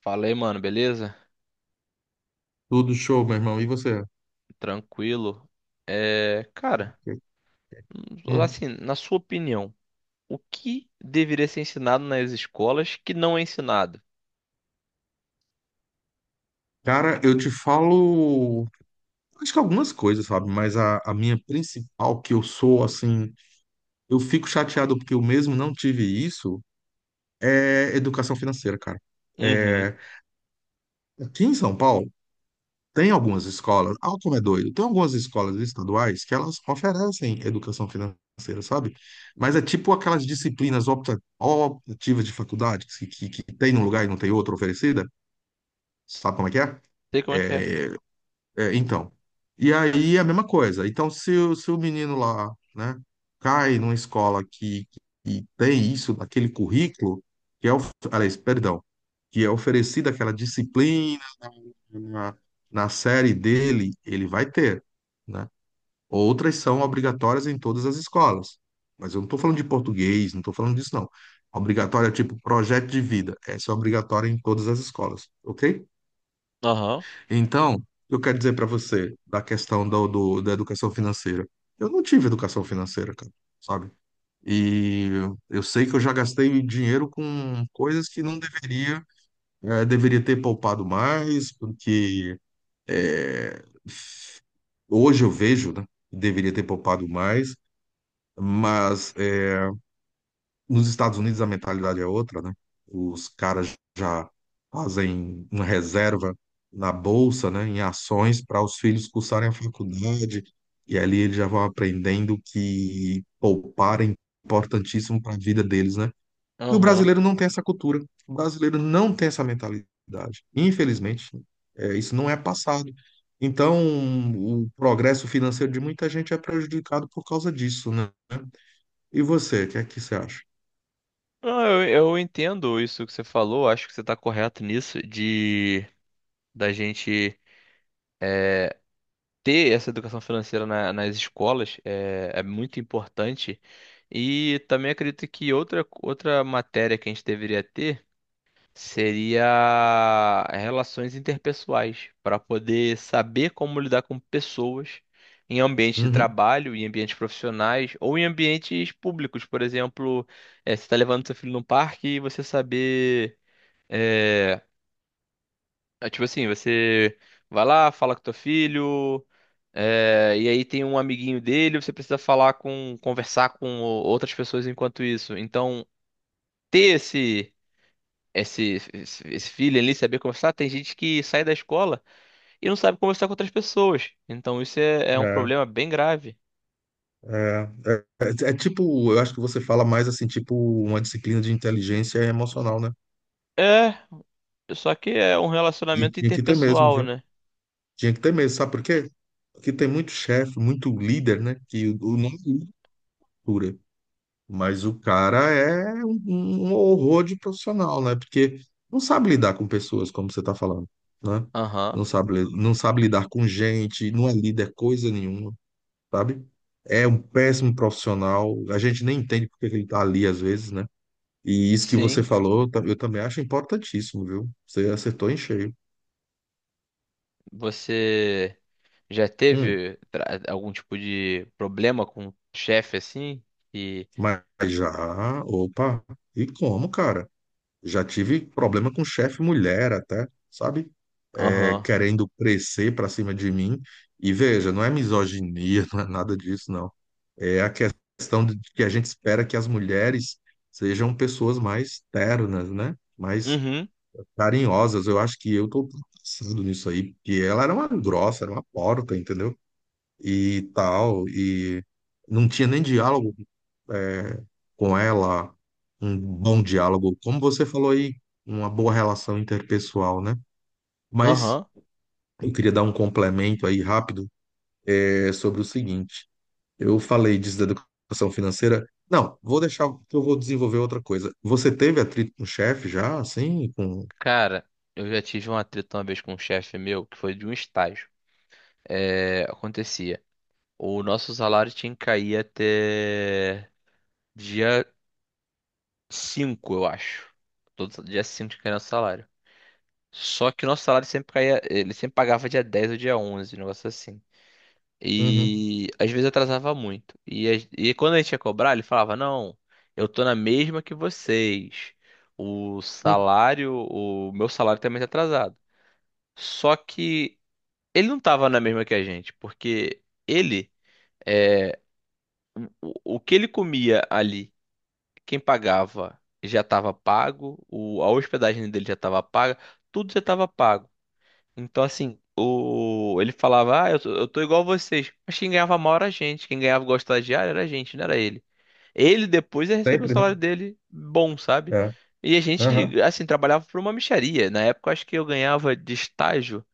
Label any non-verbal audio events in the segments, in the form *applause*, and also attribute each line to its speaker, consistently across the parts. Speaker 1: Falei, mano, beleza?
Speaker 2: Tudo show, meu irmão. E você?
Speaker 1: Tranquilo. É, cara,
Speaker 2: Hum.
Speaker 1: assim, na sua opinião, o que deveria ser ensinado nas escolas que não é ensinado?
Speaker 2: Cara, eu te falo, acho que algumas coisas, sabe? Mas a minha principal, que eu sou, assim, eu fico chateado porque eu mesmo não tive isso, é educação financeira, cara.
Speaker 1: Uhum.
Speaker 2: É, aqui em São Paulo, tem algumas escolas, ah, como é doido, tem algumas escolas estaduais que elas oferecem educação financeira, sabe? Mas é tipo aquelas disciplinas optativas de faculdade que tem num lugar e não tem outro oferecida, sabe como é que é?
Speaker 1: Sei como é que é.
Speaker 2: É, é, então. E aí é a mesma coisa. Então, se o menino lá, né, cai numa escola que tem isso, naquele currículo, que é, of- aliás, perdão, que é oferecida aquela disciplina na, na série dele, ele vai ter, né? Outras são obrigatórias em todas as escolas. Mas eu não estou falando de português, não estou falando disso, não. Obrigatória, tipo, projeto de vida. Essa é obrigatória em todas as escolas, ok?
Speaker 1: Aham.
Speaker 2: Então, o que eu quero dizer para você da questão da educação financeira? Eu não tive educação financeira, cara, sabe? E eu sei que eu já gastei dinheiro com coisas que não deveria, deveria ter poupado mais, porque eh, hoje eu vejo, né? Deveria ter poupado mais, mas nos Estados Unidos a mentalidade é outra, né? Os caras já fazem uma reserva na bolsa, né, em ações para os filhos cursarem a faculdade, e ali eles já vão aprendendo que poupar é importantíssimo para a vida deles, né? E o
Speaker 1: Aham.
Speaker 2: brasileiro não tem essa cultura, o brasileiro não tem essa mentalidade. Infelizmente, é, isso não é passado. Então, o progresso financeiro de muita gente é prejudicado por causa disso, né? E você, o que é que você acha?
Speaker 1: Ah, eu entendo isso que você falou, acho que você está correto nisso, de da gente ter essa educação financeira nas escolas é muito importante. E também acredito que outra matéria que a gente deveria ter, seria relações interpessoais, para poder saber como lidar com pessoas em ambientes de
Speaker 2: Uhum.
Speaker 1: trabalho, em ambientes profissionais ou em ambientes públicos, por exemplo, você está levando seu filho no parque e você saber, eh, é tipo assim, você vai lá, fala com teu filho, e aí tem um amiguinho dele, você precisa falar conversar com outras pessoas enquanto isso. Então, ter esse feeling ali, saber conversar. Tem gente que sai da escola e não sabe conversar com outras pessoas. Então isso é um problema bem grave.
Speaker 2: É, é, é tipo, eu acho que você fala mais assim, tipo, uma disciplina de inteligência emocional, né?
Speaker 1: É, só que é um
Speaker 2: E
Speaker 1: relacionamento
Speaker 2: tinha que ter mesmo,
Speaker 1: interpessoal,
Speaker 2: viu?
Speaker 1: né?
Speaker 2: Tinha que ter mesmo, sabe por quê? Porque tem muito chefe, muito líder, né? Que o nome é cultura, mas o cara é um horror de profissional, né? Porque não sabe lidar com pessoas, como você tá falando, né?
Speaker 1: Aham,
Speaker 2: Não sabe lidar com gente, não é líder coisa nenhuma, sabe? É um péssimo profissional, a gente nem entende porque ele tá ali às vezes, né? E isso que você
Speaker 1: sim.
Speaker 2: falou, eu também acho importantíssimo, viu? Você acertou em cheio.
Speaker 1: Você já
Speaker 2: Hum,
Speaker 1: teve algum tipo de problema com o chefe assim? E.
Speaker 2: mas já, opa, e como, cara? Já tive problema com chefe mulher até, sabe? É,
Speaker 1: Aham,
Speaker 2: querendo crescer pra cima de mim. E veja, não é misoginia, *laughs* não é nada disso, não. É a questão de que a gente espera que as mulheres sejam pessoas mais ternas, né? Mais
Speaker 1: uhum,
Speaker 2: carinhosas. Eu acho que eu tô passando nisso aí, porque ela era uma grossa, era uma porta, entendeu? E tal, e não tinha nem diálogo é, com ela, um bom diálogo, como você falou aí, uma boa relação interpessoal, né? Mas
Speaker 1: aham.
Speaker 2: eu queria dar um complemento aí rápido é, sobre o seguinte: eu falei disso da educação financeira. Não, vou deixar que eu vou desenvolver outra coisa. Você teve atrito com o chefe já, assim, com...
Speaker 1: Cara, eu já tive uma treta uma vez com um chefe meu que foi de um estágio. É, acontecia. O nosso salário tinha que cair até dia 5 eu acho. Todo dia 5 tinha que cair nosso salário. Só que o nosso salário sempre caía, ele sempre pagava dia 10 ou dia 11 um negócio assim.
Speaker 2: Uhum.
Speaker 1: E às vezes atrasava muito. E quando a gente ia cobrar, ele falava: Não, eu tô na mesma que vocês. O
Speaker 2: Hum,
Speaker 1: salário, o meu salário também tá atrasado. Só que ele não tava na mesma que a gente, porque ele, é, o que ele comia ali, quem pagava já estava pago, a hospedagem dele já estava paga, tudo já estava pago. Então, assim, ele falava, ah, eu tô igual a vocês. Mas quem ganhava mal era a gente, quem ganhava igual estagiário era a gente, não era ele. Ele depois ia receber o
Speaker 2: sempre, né?
Speaker 1: salário dele bom, sabe?
Speaker 2: É.
Speaker 1: E a
Speaker 2: Aham.
Speaker 1: gente, assim, trabalhava por uma mixaria. Na época, eu acho que eu ganhava de estágio,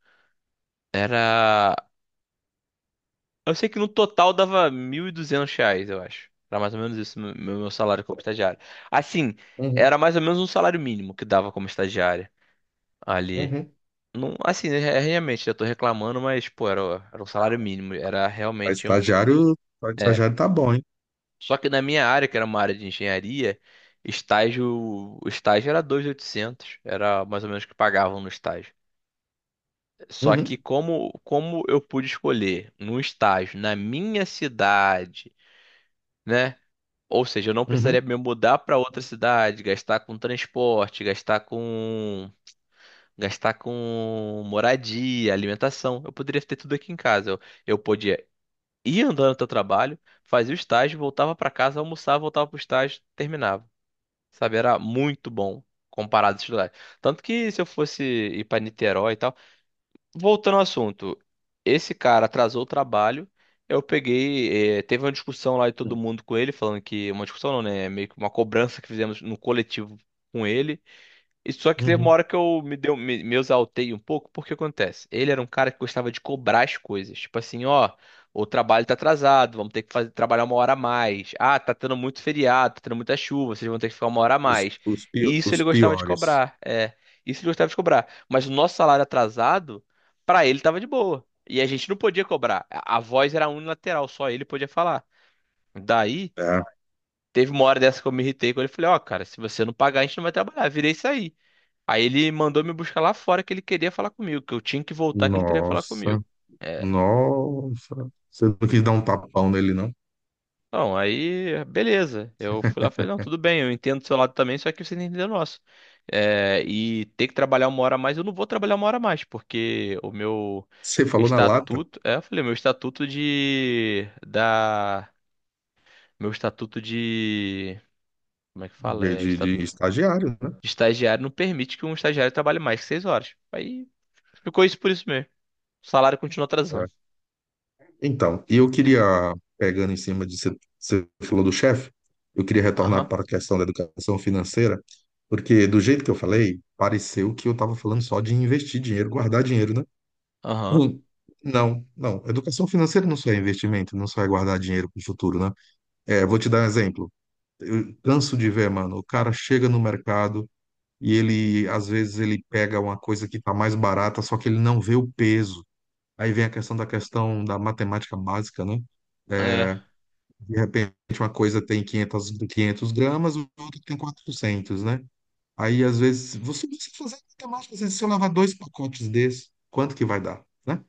Speaker 1: era. Eu sei que no total dava R$ 1.200, eu acho. Era mais ou menos isso, meu salário como estagiário. Assim,
Speaker 2: Uhum.
Speaker 1: era mais ou menos um salário mínimo que dava como estagiário ali.
Speaker 2: Uhum.
Speaker 1: Não, assim, né, é, realmente, eu tô reclamando, mas, pô, era um salário mínimo. Era
Speaker 2: Para
Speaker 1: realmente um.
Speaker 2: estagiário, pra
Speaker 1: É.
Speaker 2: estagiário tá bom, hein?
Speaker 1: Só que na minha área, que era uma área de engenharia, o estágio era 2.800. Era mais ou menos o que pagavam no estágio. Só que
Speaker 2: Uhum.
Speaker 1: como eu pude escolher num estágio na minha cidade. Né? Ou seja, eu não precisaria
Speaker 2: Uhum.
Speaker 1: me mudar para outra cidade, gastar com transporte, gastar com moradia, alimentação. Eu poderia ter tudo aqui em casa. Eu podia ir andando até o trabalho, fazia o estágio, voltava para casa, almoçava, voltava para o estágio, terminava. Sabe, era muito bom comparado a estudar. Tanto que se eu fosse ir para Niterói e tal, voltando ao assunto, esse cara atrasou o trabalho. Eu peguei, teve uma discussão lá de todo mundo com ele, falando que uma discussão não, né? Meio que uma cobrança que fizemos no coletivo com ele. E só que teve uma
Speaker 2: Uhum.
Speaker 1: hora que eu me exaltei um pouco, porque acontece. Ele era um cara que gostava de cobrar as coisas. Tipo assim, ó, o trabalho tá atrasado, vamos ter que fazer, trabalhar uma hora a mais. Ah, tá tendo muito feriado, tá tendo muita chuva, vocês vão ter que ficar uma hora a mais. E isso
Speaker 2: Os
Speaker 1: ele gostava de
Speaker 2: piores,
Speaker 1: cobrar, é. Isso ele gostava de cobrar. Mas o nosso salário atrasado, pra ele tava de boa. E a gente não podia cobrar. A voz era unilateral, só ele podia falar. Daí,
Speaker 2: tá?
Speaker 1: teve uma hora dessa que eu me irritei com ele. Falei, ó, cara, se você não pagar, a gente não vai trabalhar. Virei isso aí. Aí ele mandou me buscar lá fora que ele queria falar comigo, que eu tinha que voltar que ele queria falar
Speaker 2: Nossa,
Speaker 1: comigo. É.
Speaker 2: nossa. Você não quis dar um tapão nele, não?
Speaker 1: Não, aí, beleza. Eu fui lá e falei, não, tudo bem, eu entendo do seu lado também, só que você não entendeu o nosso. É, e ter que trabalhar uma hora a mais, eu não vou trabalhar uma hora a mais, porque o meu
Speaker 2: Você falou na lata
Speaker 1: estatuto, é, eu falei, meu estatuto de, da, meu estatuto de, como é que fala? É,
Speaker 2: de
Speaker 1: estatuto
Speaker 2: estagiário, né?
Speaker 1: de estagiário não permite que um estagiário trabalhe mais que 6 horas. Aí ficou isso por isso mesmo. O salário continua
Speaker 2: É.
Speaker 1: atrasando.
Speaker 2: Então, e eu queria, pegando em cima de você, você falou do chefe, eu queria
Speaker 1: Aham.
Speaker 2: retornar para a questão da educação financeira, porque do jeito que eu falei, pareceu que eu estava falando só de investir dinheiro, guardar dinheiro, né?
Speaker 1: Aham.
Speaker 2: Hum. Não, não. Educação financeira não só é investimento, não só é guardar dinheiro para o futuro, né? É, vou te dar um exemplo. Eu canso de ver, mano. O cara chega no mercado e ele, às vezes, ele pega uma coisa que tá mais barata, só que ele não vê o peso. Aí vem a questão da matemática básica, né?
Speaker 1: É,
Speaker 2: É, de repente, uma coisa tem 500, 500 gramas, o outro tem 400, né? Aí, às vezes, você precisa fazer a matemática, assim, se eu lavar dois pacotes desses, quanto que vai dar, né?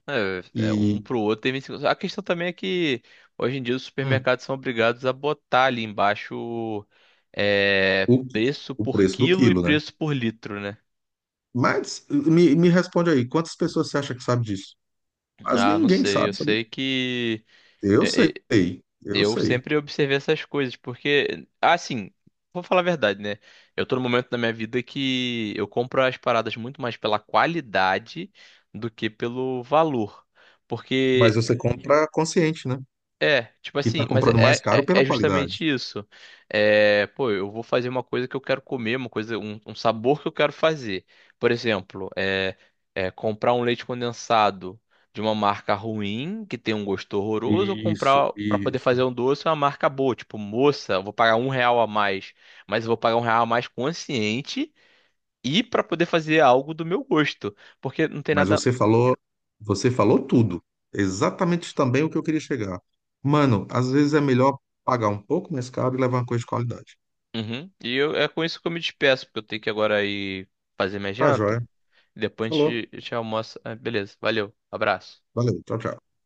Speaker 1: um
Speaker 2: E
Speaker 1: pro outro tem 25. A questão também é que hoje em dia os
Speaker 2: hum,
Speaker 1: supermercados são obrigados a botar ali embaixo é,
Speaker 2: o,
Speaker 1: preço
Speaker 2: o
Speaker 1: por
Speaker 2: preço do
Speaker 1: quilo e
Speaker 2: quilo, né?
Speaker 1: preço por litro, né?
Speaker 2: Mas me responde aí, quantas pessoas você acha que sabe disso? Quase
Speaker 1: Ah, não
Speaker 2: ninguém
Speaker 1: sei.
Speaker 2: sabe,
Speaker 1: Eu sei que
Speaker 2: eu sei,
Speaker 1: e-
Speaker 2: eu
Speaker 1: eu
Speaker 2: sei.
Speaker 1: sempre observei essas coisas, porque, assim, vou falar a verdade, né? Eu tô no momento da minha vida que eu compro as paradas muito mais pela qualidade do que pelo valor.
Speaker 2: Mas
Speaker 1: Porque
Speaker 2: você compra consciente, né?
Speaker 1: é, tipo
Speaker 2: Que está
Speaker 1: assim, mas
Speaker 2: comprando mais
Speaker 1: é,
Speaker 2: caro
Speaker 1: é,
Speaker 2: pela
Speaker 1: é
Speaker 2: qualidade.
Speaker 1: justamente isso. É, pô, eu vou fazer uma coisa que eu quero comer, uma coisa, um sabor que eu quero fazer. Por exemplo, é comprar um leite condensado de uma marca ruim, que tem um gosto horroroso, ou
Speaker 2: Isso,
Speaker 1: comprar pra poder fazer
Speaker 2: isso.
Speaker 1: um doce uma marca boa, tipo, moça, eu vou pagar um real a mais, mas eu vou pagar um real a mais consciente e pra poder fazer algo do meu gosto, porque não tem
Speaker 2: Mas
Speaker 1: nada.
Speaker 2: você falou tudo. Exatamente também o que eu queria chegar. Mano, às vezes é melhor pagar um pouco mais caro e levar uma coisa de qualidade.
Speaker 1: Uhum. E eu, é com isso que eu me despeço, porque eu tenho que agora ir fazer minha
Speaker 2: Tá, joia?
Speaker 1: janta. Depois a
Speaker 2: Falou.
Speaker 1: gente, a gente almoça. Ah, beleza, valeu, abraço.
Speaker 2: Valeu. Tchau, tchau.